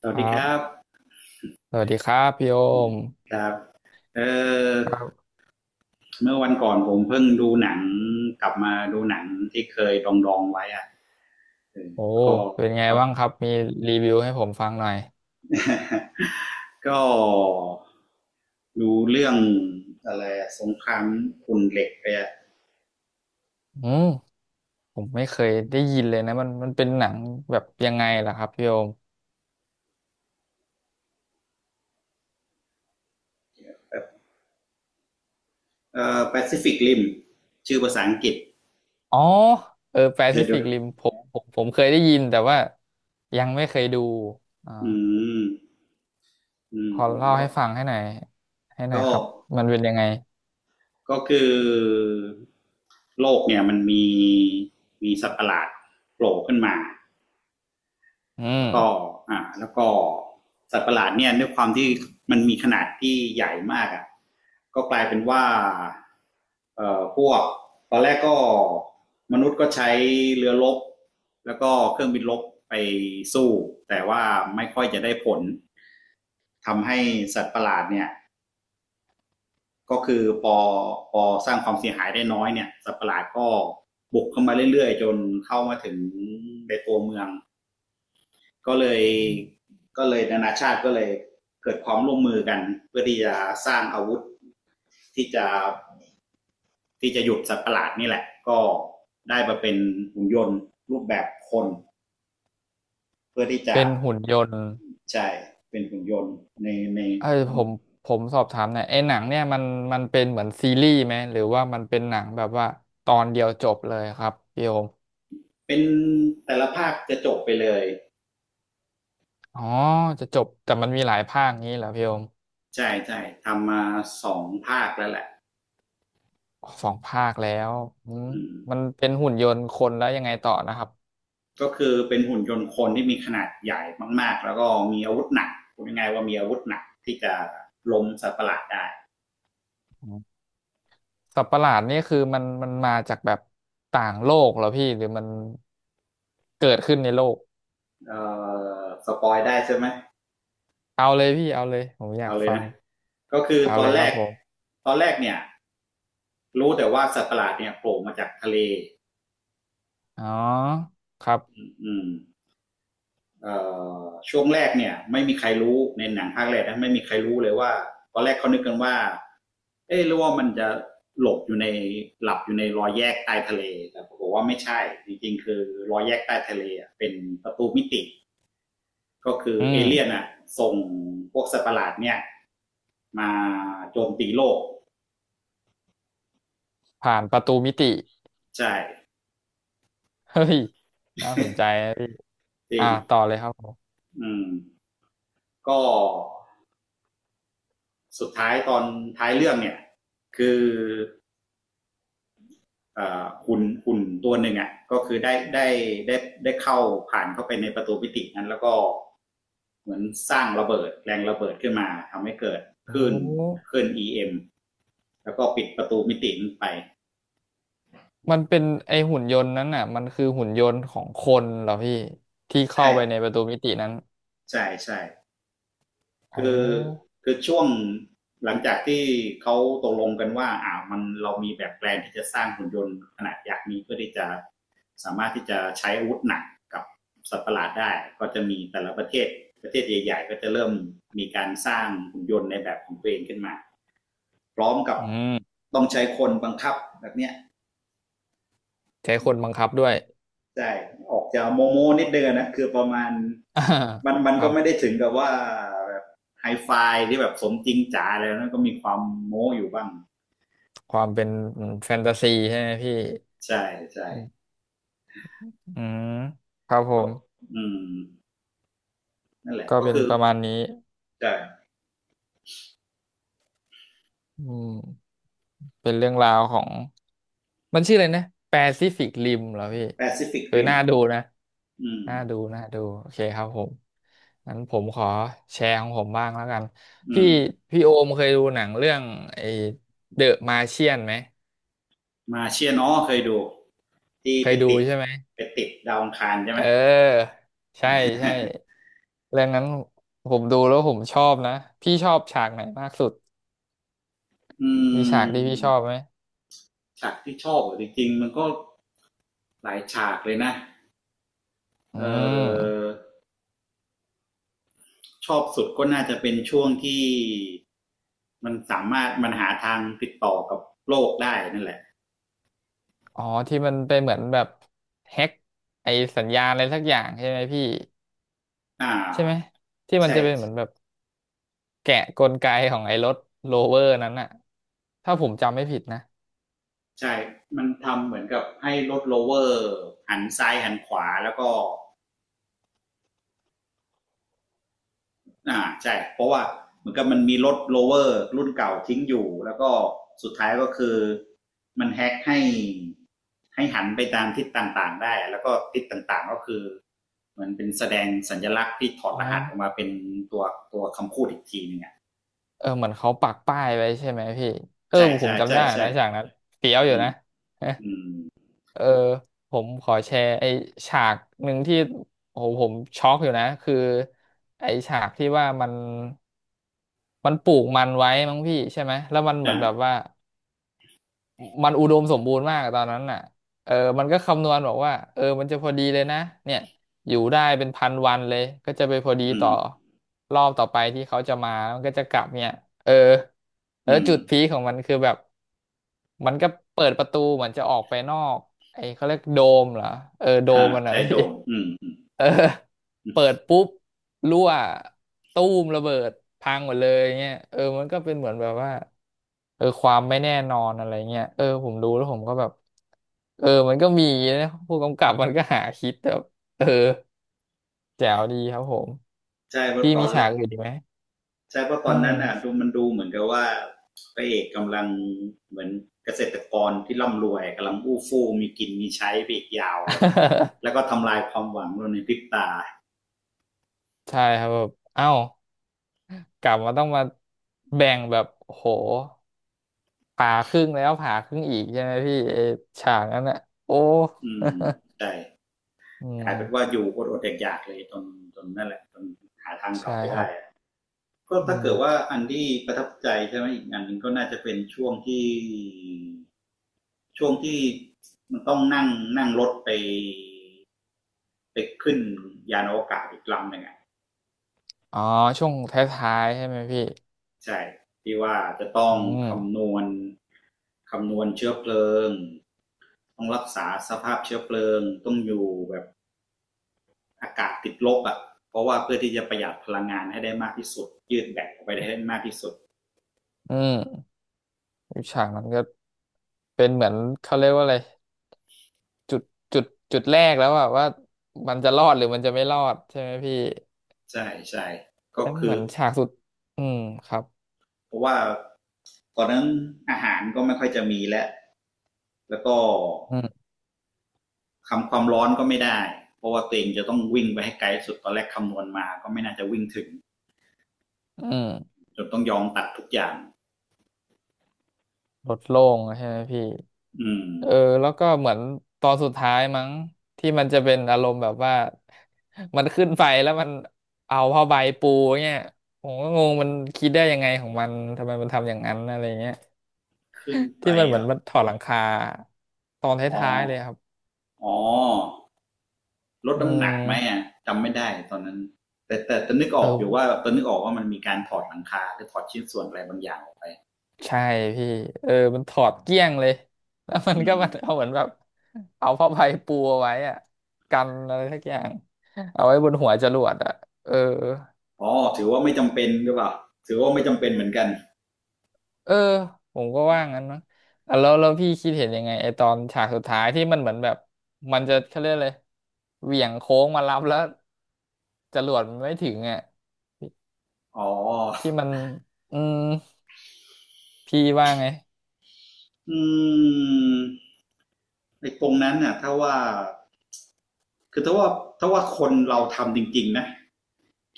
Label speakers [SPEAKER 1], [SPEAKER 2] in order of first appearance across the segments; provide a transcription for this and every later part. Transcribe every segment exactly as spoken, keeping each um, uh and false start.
[SPEAKER 1] สวั
[SPEAKER 2] ค
[SPEAKER 1] ส
[SPEAKER 2] รั
[SPEAKER 1] ดีครั
[SPEAKER 2] บ
[SPEAKER 1] บ
[SPEAKER 2] สวัสดีครับพี่โอม
[SPEAKER 1] ครับเออ
[SPEAKER 2] ครับ
[SPEAKER 1] เมื่อวันก่อนผมเพิ่งดูหนังกลับมาดูหนังที่เคยดองดองไว้อะเออ
[SPEAKER 2] โอ้
[SPEAKER 1] ก็
[SPEAKER 2] เป็นไง
[SPEAKER 1] ก็
[SPEAKER 2] บ้างครับมีรีวิวให้ผมฟังหน่อย
[SPEAKER 1] ก็ดูเรื่องอะไรอะสงครามขุ่นเหล็กไปอะ
[SPEAKER 2] อืมผมไม่เคยได้ยินเลยนะมันมันเป็นหนังแบบยังไงล่ะครับพี่โอม
[SPEAKER 1] เออแปซิฟิกริมชื่อภาษาอังกฤษ
[SPEAKER 2] อ๋อเออแป
[SPEAKER 1] เค
[SPEAKER 2] ซิ
[SPEAKER 1] ย
[SPEAKER 2] ฟิ
[SPEAKER 1] ดู
[SPEAKER 2] กริมผมผมผมเคยได้ยินแต่ว่ายังไม่เคยดูอ่า
[SPEAKER 1] อืมอืม
[SPEAKER 2] ขอ
[SPEAKER 1] ผม
[SPEAKER 2] เล่า
[SPEAKER 1] ก็
[SPEAKER 2] ให้ฟังให้หน่อยให้หน่อย
[SPEAKER 1] ก็
[SPEAKER 2] ครับมันเป็นยังไง
[SPEAKER 1] ก็คือโลกเนี่ยมันมีมีสัตว์ประหลาดโผล่ขึ้นมา
[SPEAKER 2] อื
[SPEAKER 1] แล้
[SPEAKER 2] ม
[SPEAKER 1] วก็อ่าแล้วก็สัตว์ประหลาดเนี่ยด้วยความที่มันมีขนาดที่ใหญ่มากอ่ะก็กลายเป็นว่าเอ่อพวกตอนแรกก็มนุษย์ก็ใช้เรือรบแล้วก็เครื่องบินรบไปสู้แต่ว่าไม่ค่อยจะได้ผลทำให้สัตว์ประหลาดเนี่ยก็คือพอพอสร้างความเสียหายได้น้อยเนี่ยสัตว์ประหลาดก็บุกเข้ามาเรื่อยๆจนเข้ามาถึงในตัวเมือง ก็เลยก็เลยนานาชาติก็เลยเกิดความร่วมมือกันเพื่อที่จะสร้างอาวุธที่จะที่จะหยุดสัตว์ประหลาดนี่แหละก็ได้มาเป็นหุ่นยนต์รูปแบบคนเพื่อที่จะ
[SPEAKER 2] เป็นหุ่นยนต์
[SPEAKER 1] ใช่เป็นหุ่นยนต์ในใน
[SPEAKER 2] เออผมผมสอบถามหน่อยไอ้หนังเนี่ยมันมันเป็นเหมือนซีรีส์ไหมหรือว่ามันเป็นหนังแบบว่าตอนเดียวจบเลยครับพี่โอม
[SPEAKER 1] เป็นแต่ละภาคจะจบไปเลย
[SPEAKER 2] อ๋อจะจบแต่มันมีหลายภาคงี้เหรอพี่โอม
[SPEAKER 1] ใช่ใช่ทำมาสองภาคแล้วแหละ
[SPEAKER 2] อ๋อสองภาคแล้วอืม
[SPEAKER 1] อืม
[SPEAKER 2] มันเป็นหุ่นยนต์คนแล้วยังไงต่อนะครับ
[SPEAKER 1] ก็คือเป็นหุ่นยนต์คนที่มีขนาดใหญ่มากๆแล้วก็มีอาวุธหนักพูดง่ายๆว่ามีอาวุธหนักที่จะล้มสัตว์ประหลาดได้
[SPEAKER 2] อืมสัตว์ประหลาดนี่คือมันมันมาจากแบบต่างโลกเหรอพี่หรือมันเกิดขึ้นในโลก
[SPEAKER 1] เออสปอยได้ใช่ไหม
[SPEAKER 2] เอาเลยพี่เอาเลยผมอยา
[SPEAKER 1] เอา
[SPEAKER 2] ก
[SPEAKER 1] เลย
[SPEAKER 2] ฟัง
[SPEAKER 1] นะก็คือ
[SPEAKER 2] เอา
[SPEAKER 1] ตอ
[SPEAKER 2] เล
[SPEAKER 1] น
[SPEAKER 2] ยค
[SPEAKER 1] แร
[SPEAKER 2] รับ
[SPEAKER 1] ก
[SPEAKER 2] ผม
[SPEAKER 1] ตอนแรกเนี่ยรู้แต่ว่าสัตว์ประหลาดเนี่ยโผล่มาจากทะเล
[SPEAKER 2] อ๋อครับ
[SPEAKER 1] อืมเอ่อช่วงแรกเนี่ยไม่มีใครรู้ในหนังภาคแรกนะไม่มีใครรู้เลยว่าตอนแรกเขานึกกันว่าเอ๊ะหรือว่ามันจะหลบอยู่ในหลับอยู่ในรอยแยกใต้ทะเลแต่ปรากฏว่าไม่ใช่จริงๆคือรอยแยกใต้ทะเลเป็นประตูมิติก็คือ
[SPEAKER 2] อื
[SPEAKER 1] เอเลี่ยน
[SPEAKER 2] ม
[SPEAKER 1] อ่ะส่งพวกสัตว์ประหลาดเนี่ยมาโจมตีโลก
[SPEAKER 2] ผ่านประตูมิติ
[SPEAKER 1] ใช่
[SPEAKER 2] เฮ้ยน่าสนใจนะพี่
[SPEAKER 1] จริ
[SPEAKER 2] อ่า
[SPEAKER 1] ง
[SPEAKER 2] ต่อเลยครับผม
[SPEAKER 1] อืมก็สุดท้ายตอนท้ายเรื่องเนี่ยคืออ่หุ่นหุ่นตัวหนึ่งอ่ะก็คือได้ได้ได้ได้เข้าผ่านเข้าไปในประตูมิตินั้นแล้วก็เหมือนสร้างระเบิดแรงระเบิดขึ้นมาทำให้เกิดค
[SPEAKER 2] โอ้
[SPEAKER 1] ลื่นคลื่น อี เอ็ม แล้วก็ปิดประตูมิตินันไป
[SPEAKER 2] มันเป็นไอหุ่นยนต์นั้นน่ะมันคือหุ่นยนต์ของคนเหรอพี่ที่เข้า
[SPEAKER 1] ใช่
[SPEAKER 2] ไปในประตูมิตินั้น
[SPEAKER 1] ใช่ใช่
[SPEAKER 2] โอ
[SPEAKER 1] คือ
[SPEAKER 2] ้
[SPEAKER 1] คือช่วงหลังจากที่เขาตกลงกันว่าอ่ามันเรามีแบบแปลนที่จะสร้างหุ่นยนต์ขนาดยักษ์นี้เพื่อที่จะสามารถที่จะใช้อาวุธหนักกับสัตว์ประหลาดได้ก็จะมีแต่ละประเทศประเทศใหญ่ๆก็จะเริ่มมีการสร้างหุ่นยนต์ในแบบของตัวเองขึ้นมาพร้อมกับ
[SPEAKER 2] อืม
[SPEAKER 1] ต้องใช้คนบังคับแบบเนี้ย
[SPEAKER 2] ใช้คนบังคับด้วย
[SPEAKER 1] ใช่ออกจะโมโมนิดเดียวนะคือประมาณ
[SPEAKER 2] อ่า
[SPEAKER 1] มันมัน
[SPEAKER 2] ครั
[SPEAKER 1] ก็ไม่ได้
[SPEAKER 2] บ
[SPEAKER 1] ถึงกับว่าแบบไฮไฟที่แบบสมจริงจ๋าแล้วนะก็มีความโม้อยู่บ้าง
[SPEAKER 2] ความเป็นแฟนตาซีใช่ไหมพี่
[SPEAKER 1] ใช่ใช่
[SPEAKER 2] อืมอืมครับผ
[SPEAKER 1] ก็
[SPEAKER 2] ม
[SPEAKER 1] อืมนั่นแหละ
[SPEAKER 2] ก็
[SPEAKER 1] ก็
[SPEAKER 2] เป็น
[SPEAKER 1] คือ
[SPEAKER 2] ประมาณนี้
[SPEAKER 1] ใช่
[SPEAKER 2] อืมเป็นเรื่องราวของมันชื่ออะไรนะ Pacific Rim เหรอพี่
[SPEAKER 1] แปซิฟิก
[SPEAKER 2] เออ
[SPEAKER 1] ริม
[SPEAKER 2] น่าดูนะ
[SPEAKER 1] อืม
[SPEAKER 2] น่าดูน่าดูโอเคครับผมงั้นผมขอแชร์ของผมบ้างแล้วกัน
[SPEAKER 1] อื
[SPEAKER 2] พี่
[SPEAKER 1] ม
[SPEAKER 2] พี่โอมเคยดูหนังเรื่องไอ้เดอะมาเชียนไหม
[SPEAKER 1] มาเชียร์เนอ๋อเคยดูที่
[SPEAKER 2] เค
[SPEAKER 1] ไป
[SPEAKER 2] ยดู
[SPEAKER 1] ติด
[SPEAKER 2] ใช่ไหม
[SPEAKER 1] ไปติดดาวอังคารใช่ไห
[SPEAKER 2] เอ
[SPEAKER 1] ม
[SPEAKER 2] อใช่ใช่เรื่องนั้นผมดูแล้วผมชอบนะพี่ชอบฉากไหนมากสุด
[SPEAKER 1] อื
[SPEAKER 2] มีฉากที่พี่ชอบ
[SPEAKER 1] ม
[SPEAKER 2] ไหม
[SPEAKER 1] ฉากที่ชอบอะจริงๆมันก็หลายฉากเลยนะ
[SPEAKER 2] อื
[SPEAKER 1] เอ
[SPEAKER 2] ม
[SPEAKER 1] อชอบสุดก็น่าจะเป็นช่วงที่มันสามารถมันหาทางติดต่อกับโลกได้นั่นแหละ
[SPEAKER 2] อ๋อที่มันไปเหมือนแบบแฮ็กไอ้สัญญาณอะไรสักอย่างใช่ไหมพี่
[SPEAKER 1] อ่า
[SPEAKER 2] ใช่ไหมที่มัน
[SPEAKER 1] ใช่
[SPEAKER 2] จะเป็นเหมือนแบบ แกะกลไกของไอ้รถโรเวอร์นั้นอะถ้าผมจำไม่ผิดนะ
[SPEAKER 1] ใช่ มันทำเหมือนกับให้รถโลเวอร์หันซ้ายหันขวาแล้วก็อ่าใช่เพราะว่าเหมือนกับมันมีรถโลเวอร์รุ่นเก่าทิ้งอยู่แล้วก็สุดท้ายก็คือมันแฮ็กให้ให้หันไปตามทิศต่างๆได้แล้วก็ทิศต่างๆก็คือเหมือนเป็นแสดงสัญลักษณ์ที่ถอด
[SPEAKER 2] อ๋อ
[SPEAKER 1] รหัสออกมาเป็นตัวตัวคำพูดอีกทีหนึงอ่ะ
[SPEAKER 2] เออเหมือนเขาปักป้ายไว้ใช่ไหมพี่ เออ
[SPEAKER 1] ใช่
[SPEAKER 2] ผ
[SPEAKER 1] ใช่
[SPEAKER 2] มจำ
[SPEAKER 1] ใช่
[SPEAKER 2] ได้
[SPEAKER 1] ใช่
[SPEAKER 2] นะฉากนั้นเฟี้ยวอ
[SPEAKER 1] อื
[SPEAKER 2] ยู่
[SPEAKER 1] ม
[SPEAKER 2] นะ
[SPEAKER 1] อืม
[SPEAKER 2] เออผมขอแชร์ไอ้ฉากหนึ่งที่โอ้โหผมช็อกอยู่นะ คือไอ้ฉากที่ว่ามันมันปลูกมันไว้มั้งพี่ใช่ไหมแล้วมันเหมือ
[SPEAKER 1] อ่า
[SPEAKER 2] นแบบว่า มันอุดมสมบูรณ์มากตอนนั้นน่ะเออมันก็คำนวณบอกว่าเออมันจะพอดีเลยนะเนี่ยอยู่ได้เป็นพันวันเลยก็จะไปพอดี
[SPEAKER 1] อื
[SPEAKER 2] ต่
[SPEAKER 1] ม
[SPEAKER 2] อรอบต่อไปที่เขาจะมามันก็จะกลับเนี่ยเออแล้ว
[SPEAKER 1] อืม
[SPEAKER 2] จุดพีคของมันคือแบบมันก็เปิดประตูเหมือนจะออกไปนอกไอ้เขาเรียกโดมเหรอเออโด
[SPEAKER 1] อ่า
[SPEAKER 2] มมันอะ
[SPEAKER 1] ใช่
[SPEAKER 2] พี่
[SPEAKER 1] โดมอืม
[SPEAKER 2] เออเปิดปุ๊บรั่วตู้มระเบิดพังหมดเลยเงี้ยเออมันก็เป็นเหมือนแบบว่า เออความไม่แน่นอนอะไรเงี้ยเออผมดูแล้วผมก็แบบเออมันก็มีนะผู้กำกับมันก็หาคิดแบบเออแจ๋วดีครับผม
[SPEAKER 1] ใช่เมืก
[SPEAKER 2] พี่
[SPEAKER 1] อตอ
[SPEAKER 2] มี
[SPEAKER 1] นแร
[SPEAKER 2] ฉาก
[SPEAKER 1] ก
[SPEAKER 2] อื่นอีกไหม
[SPEAKER 1] ใช่เพราะต
[SPEAKER 2] อื
[SPEAKER 1] อนนั้
[SPEAKER 2] ม
[SPEAKER 1] นอ่ะดูมันดูเหมือนกับว่าพระเอกกำลังเหมือนเกษตรกรที่ร่ำรวยกำลังอู้ฟู่มีกินมีใช้ไปอีกยาวเลยแล้วก็ ทำลายความหวังเราในพริบตา
[SPEAKER 2] ใช่ครับแบบเอ้ากลับมาต้องมาแบ่งแบบโหผ่าครึ่งแล้วผ่าครึ่งอีกใช่ไหมพี่ไอ้ฉากนั้นอะโอ้
[SPEAKER 1] อืมใช่
[SPEAKER 2] อื
[SPEAKER 1] กลายเป็นว่า
[SPEAKER 2] ม
[SPEAKER 1] อยู่อดอดๆอยากๆเลยจนจนนั่นแหละจนหาทางกลั
[SPEAKER 2] ใช่
[SPEAKER 1] บไป
[SPEAKER 2] ค
[SPEAKER 1] ได้
[SPEAKER 2] รับ
[SPEAKER 1] ก็
[SPEAKER 2] อื
[SPEAKER 1] ถ้าเกิดว่า
[SPEAKER 2] ม
[SPEAKER 1] อันที่ประทับใจใช่ไหมอีกอันหนึ่งก็น่าจะเป็นช่วงที่ช่วงที่มันต้องนั่งนั่งรถไปไปขึ้นยานอวกาศอีกลำหนึ่ง
[SPEAKER 2] อ๋อช่วงท้ายๆใช่ไหมพี่
[SPEAKER 1] ใช่ที่ว่าจะต้อ
[SPEAKER 2] อื
[SPEAKER 1] งคำน
[SPEAKER 2] ม
[SPEAKER 1] วณคำนวณเชื้อเพลิงต้องรักษาสภาพเชื้อเพลิงต้องอยู่แบบอากาศติดลบอ่ะเพราะว่าเพื่อที่จะประหยัดพลังงานให้ได้มากที่สุดยืดแบตออกไปได้ได้มากที่สุด
[SPEAKER 2] อืม อีกฉากนั้นก็เป็นเหมือนเขาเรียกว่าอะไรจุดจุดจุดแรกแล้วอะว่ามันจะรอดหรือมันจะไม่รอดใช่ไหมพี่
[SPEAKER 1] ใช่ใช่ก็
[SPEAKER 2] แล้วเห
[SPEAKER 1] คือ
[SPEAKER 2] มือนฉากสุดอืมครับ
[SPEAKER 1] เพราะว่าตอนนั้นอาหารก็ไม่ค่อยจะมีแล้วแล้วก็
[SPEAKER 2] อืม
[SPEAKER 1] คำความร้อนก็ไม่ได้เพราะว่าตัวเองจะต้องวิ่งไปให้ไกลสุดตอนแรกคำนวณมาก็ไม่น่าจะวิ่งถึง
[SPEAKER 2] อืม
[SPEAKER 1] จนต้องยอมตัดทุกอย่าง
[SPEAKER 2] ลดโล่งใช่ไหมพี่
[SPEAKER 1] อืม
[SPEAKER 2] เออแล้วก็เหมือนตอนสุดท้ายมั้งที่มันจะเป็นอารมณ์แบบว่า มันขึ้นไปแล้วมันเอาผ้าใบปูเนี่ยผมก็งงมันคิดได้ยังไงของมันทำไมมันทำอย่างนั้นอะไรเงี้ย
[SPEAKER 1] ขึ้นไป
[SPEAKER 2] ที่มันเหมือน
[SPEAKER 1] อ่ะ
[SPEAKER 2] มันถอดหลังคาตอนท
[SPEAKER 1] อ๋อ
[SPEAKER 2] ้ายๆเลยครับ
[SPEAKER 1] อ๋อลด
[SPEAKER 2] อื
[SPEAKER 1] น้ำหนักไหม
[SPEAKER 2] ม
[SPEAKER 1] อ่ะจำไม่ได้ตอนนั้นแต่แต่แตอนนึกอ
[SPEAKER 2] เอ
[SPEAKER 1] อ
[SPEAKER 2] อ
[SPEAKER 1] กอยู่ว่าตอนนึกออกว่ามันมีการถอดหลังคาหรือถอดชิ้นส่วนอะไรบางอย่างออกไป
[SPEAKER 2] ใช่พี่เออมันถอดเกลี้ยงเลย แล้วมัน
[SPEAKER 1] อื
[SPEAKER 2] ก็มันเอา
[SPEAKER 1] ม
[SPEAKER 2] เหมือนแบบเอาผ้าใบปูเอาไว้อะกันอะไรสักอย่าง เอาไว้บนหัวจรวดอะเออ
[SPEAKER 1] อ๋อถือว่าไม่จำเป็นหรือเปล่าถือว่าไม่จำเป็นเหมือนกัน
[SPEAKER 2] เออผมก็ว่างั้นนะอ่ะแล้วแล้วพี่คิดเห็นยังไงไอตอนฉากสุดท้ายที่มันเหมือนแบบมันจะเขาเรียกเลยเหวี่ยงโค้งมารับแล้วจรวดมันไม่ถึงอ่ะ
[SPEAKER 1] อ๋อ
[SPEAKER 2] ที่มันอืมพี่ว่าไง
[SPEAKER 1] อืมไอ้ตรงนั้นน่ะถ้าว่าคือถ้าว่าถ้าว่าคนเราทำจริงๆนะ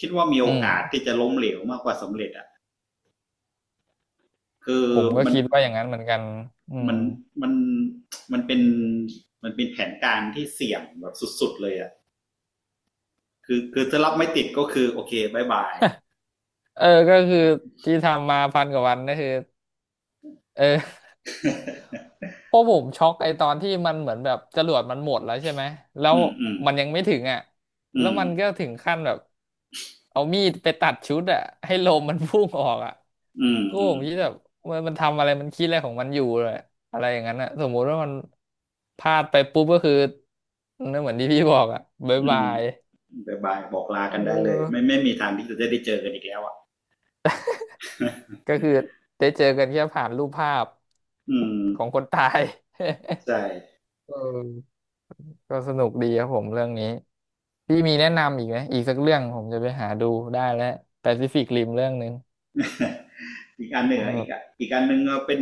[SPEAKER 1] คิดว่ามี
[SPEAKER 2] อื
[SPEAKER 1] โอ
[SPEAKER 2] ม
[SPEAKER 1] กาสที่จะล้มเหลวมากกว่าสำเร็จอ่ะคือ
[SPEAKER 2] ผมก็
[SPEAKER 1] มัน
[SPEAKER 2] คิดว่าอย่างนั้นเหมือนกันอืม
[SPEAKER 1] มันมันมันเป็นมันเป็นแผนการที่เสี่ยงแบบสุดๆเลยอ่ะคือคือถ้ารับไม่ติดก็คือโอเคบายบาย
[SPEAKER 2] เออก็คือที่ทำมาพันกว่าวันก็คือเออพวกผมช็อกไอตอนที่มันเหมือนแบบจรวดมันหมดแล้วใช่ไหมแล้ ว
[SPEAKER 1] อืมอืม
[SPEAKER 2] มันยังไม่ถึงอ่ะ
[SPEAKER 1] อื
[SPEAKER 2] แล้ว
[SPEAKER 1] ม
[SPEAKER 2] มันก็ถึงขั้นแบบเอามีดไปตัดชุดอ่ะให้ลมมันพุ่งออกอ่ะ
[SPEAKER 1] อืม
[SPEAKER 2] ก็
[SPEAKER 1] อื
[SPEAKER 2] ผ
[SPEAKER 1] ม
[SPEAKER 2] มคิดแบบมันมันทำอะไรมันคิดอะไรของมันอยู่เลยอะไรอย่างนั้นอ่ะสมมุติว่ามันพลาดไปปุ๊บก็คือนั่นเหมือนที่พี่บอกอ่ะบ๊าย
[SPEAKER 1] อื
[SPEAKER 2] บา
[SPEAKER 1] ม
[SPEAKER 2] ย
[SPEAKER 1] บายบายบอกลา
[SPEAKER 2] เ
[SPEAKER 1] กันได้เลย
[SPEAKER 2] ออ
[SPEAKER 1] ไม่ไม่มีทางที่จะได้เจอกันอีกแล้วอ่ะ
[SPEAKER 2] ก็คือได้เจอกันแค่ผ่านรูปภาพ
[SPEAKER 1] อืม
[SPEAKER 2] ของคนตาย
[SPEAKER 1] ใช่
[SPEAKER 2] เออก็สนุกดีครับผมเรื่องนี้พี่มีแนะนำอีกไหมอีกสักเรื่องผมจะไปหาดูได้แล้วแปซิฟิกริมเรื่องหนึ่ง
[SPEAKER 1] อีกอันหนึ่ง
[SPEAKER 2] เอา
[SPEAKER 1] อะ
[SPEAKER 2] แบ
[SPEAKER 1] อีก
[SPEAKER 2] บ
[SPEAKER 1] อะอีกอันหนึ่งเอาเป็น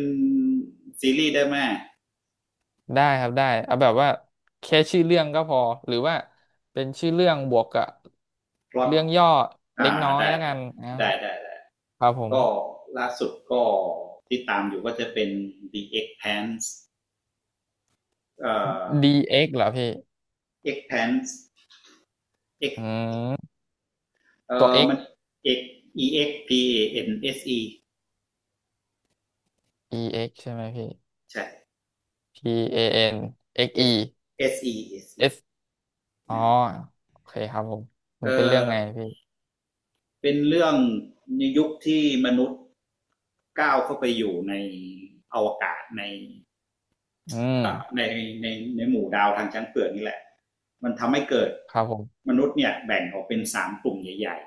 [SPEAKER 1] ซีรีส์ได้ไหม
[SPEAKER 2] ได้ครับได้เอาแบบว่าแค่ชื่อเรื่องก็พอหรือว่าเป็นชื่อเรื่องบวกกับ
[SPEAKER 1] พล็อต
[SPEAKER 2] เรื่องย่อเล็
[SPEAKER 1] อ่า
[SPEAKER 2] กน้อย
[SPEAKER 1] ได้
[SPEAKER 2] แล้วกันอ่า
[SPEAKER 1] ได้ได้ได้ได้
[SPEAKER 2] ครับผม
[SPEAKER 1] ก็ล่าสุดก็ที่ตามอยู่ก็จะเป็น The Expanse เอ่อ
[SPEAKER 2] ดีเอ็กซ์เหรอพี่
[SPEAKER 1] expand
[SPEAKER 2] อื
[SPEAKER 1] เอ็กซ์
[SPEAKER 2] ม
[SPEAKER 1] เอ่
[SPEAKER 2] ตัว
[SPEAKER 1] อ
[SPEAKER 2] X
[SPEAKER 1] มัน อี เอ็กซ์ พี เอ เอ็น เอส อี
[SPEAKER 2] อี เอ็กซ์ ใช่ไหมพี่
[SPEAKER 1] ใช่
[SPEAKER 2] P A N X
[SPEAKER 1] s
[SPEAKER 2] E
[SPEAKER 1] s e s e
[SPEAKER 2] S อ๋อโอเคครับผมมัน
[SPEAKER 1] เอ่
[SPEAKER 2] เป็นเรื่อง
[SPEAKER 1] อ
[SPEAKER 2] ไงพี่
[SPEAKER 1] เป็นเรื่องในยุคที่มนุษย์ก้าวเข้าไปอยู่ในอวกาศใน
[SPEAKER 2] อืม
[SPEAKER 1] ในในในหมู่ดาวทางช้างเผือกนี่แหละมันทำให้เกิด
[SPEAKER 2] ครับผม
[SPEAKER 1] มนุษย์เนี่ยแบ่งออกเป็นสามกลุ่มใหญ่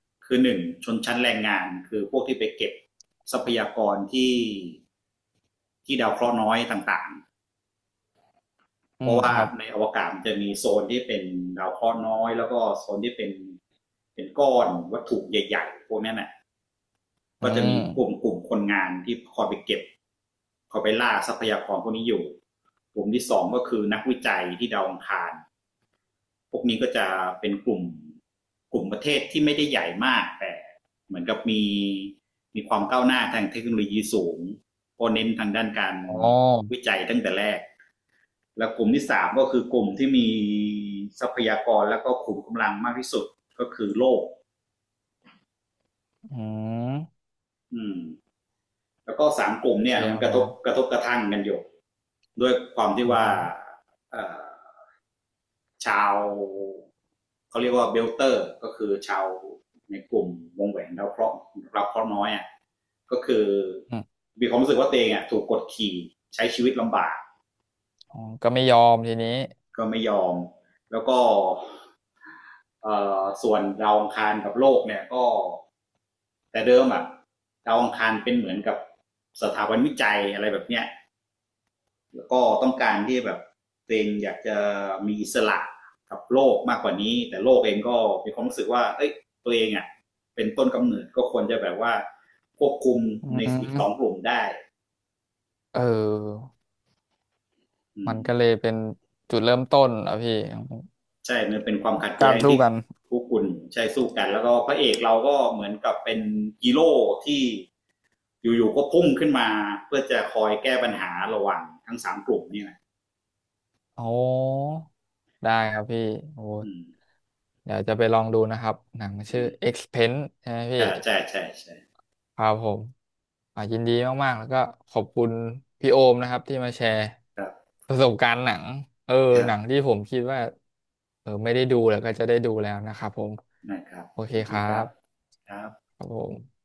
[SPEAKER 1] ๆ คือหนึ่งชนชั้นแรงงานคือพวกที่ไปเก็บทรัพยากรที่ที่ดาวเคราะห์น้อยต่างๆ
[SPEAKER 2] อื
[SPEAKER 1] เพ
[SPEAKER 2] ม
[SPEAKER 1] ราะว่า
[SPEAKER 2] ครับ
[SPEAKER 1] ในอวกาศจะมีโซนที่เป็นดาวเคราะห์น้อยแล้วก็โซนที่เป็นเป็นก้อนวัตถุใหญ่ๆพวกนั้นน่ะ
[SPEAKER 2] อื
[SPEAKER 1] ก็จะมี
[SPEAKER 2] ม
[SPEAKER 1] กลุ่มกลุ่มคนงานที่คอยไปเก็บคอยไปล่าทรัพยากรพวกนี้อยู่กลุ่มที่สองก็คือนักวิจัยที่ดาวอังคาร พวกนี้ก็จะเป็นกลุ่มกลุ่มประเทศที่ไม่ได้ใหญ่มากแต่เหมือนกับมีมีความก้าวหน้าทางเทคโนโลยีสูงเพราะเน้นทางด้านการ
[SPEAKER 2] อ๋อ
[SPEAKER 1] วิจัยตั้งแต่แรกแล้วกลุ่มที่สามก็คือกลุ่มที่มีทรัพยากรแล้วก็ขุมกำลังมากที่สุดก็คือโลก
[SPEAKER 2] อืม
[SPEAKER 1] อืมแล้วก็สามกลุ่ม
[SPEAKER 2] โอเค
[SPEAKER 1] เนี่ยมั
[SPEAKER 2] ค
[SPEAKER 1] น
[SPEAKER 2] รับ
[SPEAKER 1] ก
[SPEAKER 2] ผ
[SPEAKER 1] ระทบก
[SPEAKER 2] ม
[SPEAKER 1] ระทบกระทั่งกันอยู่ด้วยความที่
[SPEAKER 2] อื
[SPEAKER 1] ว่า
[SPEAKER 2] ม
[SPEAKER 1] เอ่อ ชาวเขาเรียกว่าเบลเตอร์ก็คือชาวในกลุ่มวงแหวนดาวเคราะห์าเคราะห์น้อยอ่ะก็คือ
[SPEAKER 2] อืม
[SPEAKER 1] มีความรู้สึกว่าตัวเองอ่ะถูกกดขี่ใช้ชีวิตลำบาก
[SPEAKER 2] อ๋อก็ไม่ยอมทีนี้
[SPEAKER 1] ก็ไม่ยอมแล้วก็เออส่วนดาวอังคารกับโลกเนี่ยก็แต่เดิมอ่ะดาวอังคารเป็นเหมือนกับสถาบันวิจัยอะไรแบบเนี้ย ก็ต้องการที่แบบตัวเองอยากจะมีอิสระกับโลกมากกว่านี้แต่โลกเองก็มีความรู้สึกว่าเอ้ยตัวเองอ่ะเป็นต้นกำเนิดก็ควรจะแบบว่าควบคุม
[SPEAKER 2] อื
[SPEAKER 1] ในอีกสอง
[SPEAKER 2] ม
[SPEAKER 1] กลุ่มได้
[SPEAKER 2] เออ
[SPEAKER 1] อื
[SPEAKER 2] มั
[SPEAKER 1] ม
[SPEAKER 2] นก็เลยเป็นจุดเริ่มต้นอ่ะพี่ของ
[SPEAKER 1] ใช่มันเป็นความขัด
[SPEAKER 2] กา
[SPEAKER 1] แย้
[SPEAKER 2] ร
[SPEAKER 1] ง
[SPEAKER 2] สู้
[SPEAKER 1] ที่
[SPEAKER 2] กัน
[SPEAKER 1] คู่คุณใช่สู้กันแล้วก็พระเอกเราก็เหมือนกับเป็นฮีโร่ที่อยู่ๆก็พุ่งขึ้นมาเพื่อจะคอยแก้ปัญหาระหว่างทั้งสามกลุ่มนี่แหละ
[SPEAKER 2] โอ้ได้ครับพี่โอ้
[SPEAKER 1] อืม
[SPEAKER 2] เดี๋ยวจะไปลองดูนะครับ หนัง
[SPEAKER 1] อื
[SPEAKER 2] ชื่อ
[SPEAKER 1] ม
[SPEAKER 2] Expense ใช่ไหมพี่
[SPEAKER 1] ก็ใช่ใช่ใช่
[SPEAKER 2] ครับผมอ่ายินดีมากๆ แล้วก็ขอบคุณพี่โอมนะครับที่มาแชร์
[SPEAKER 1] ครับ
[SPEAKER 2] ประสบการณ์หนังเออ
[SPEAKER 1] ครั
[SPEAKER 2] หนัง
[SPEAKER 1] บ
[SPEAKER 2] ที่ผมคิดว่าเออไม่ได้ดูแล้วก็จะได้ดูแล้วนะครับผม
[SPEAKER 1] นะครับ
[SPEAKER 2] โอเค
[SPEAKER 1] ที
[SPEAKER 2] ค
[SPEAKER 1] นี้
[SPEAKER 2] รั
[SPEAKER 1] ครับ
[SPEAKER 2] บ
[SPEAKER 1] ครับ
[SPEAKER 2] ครับผม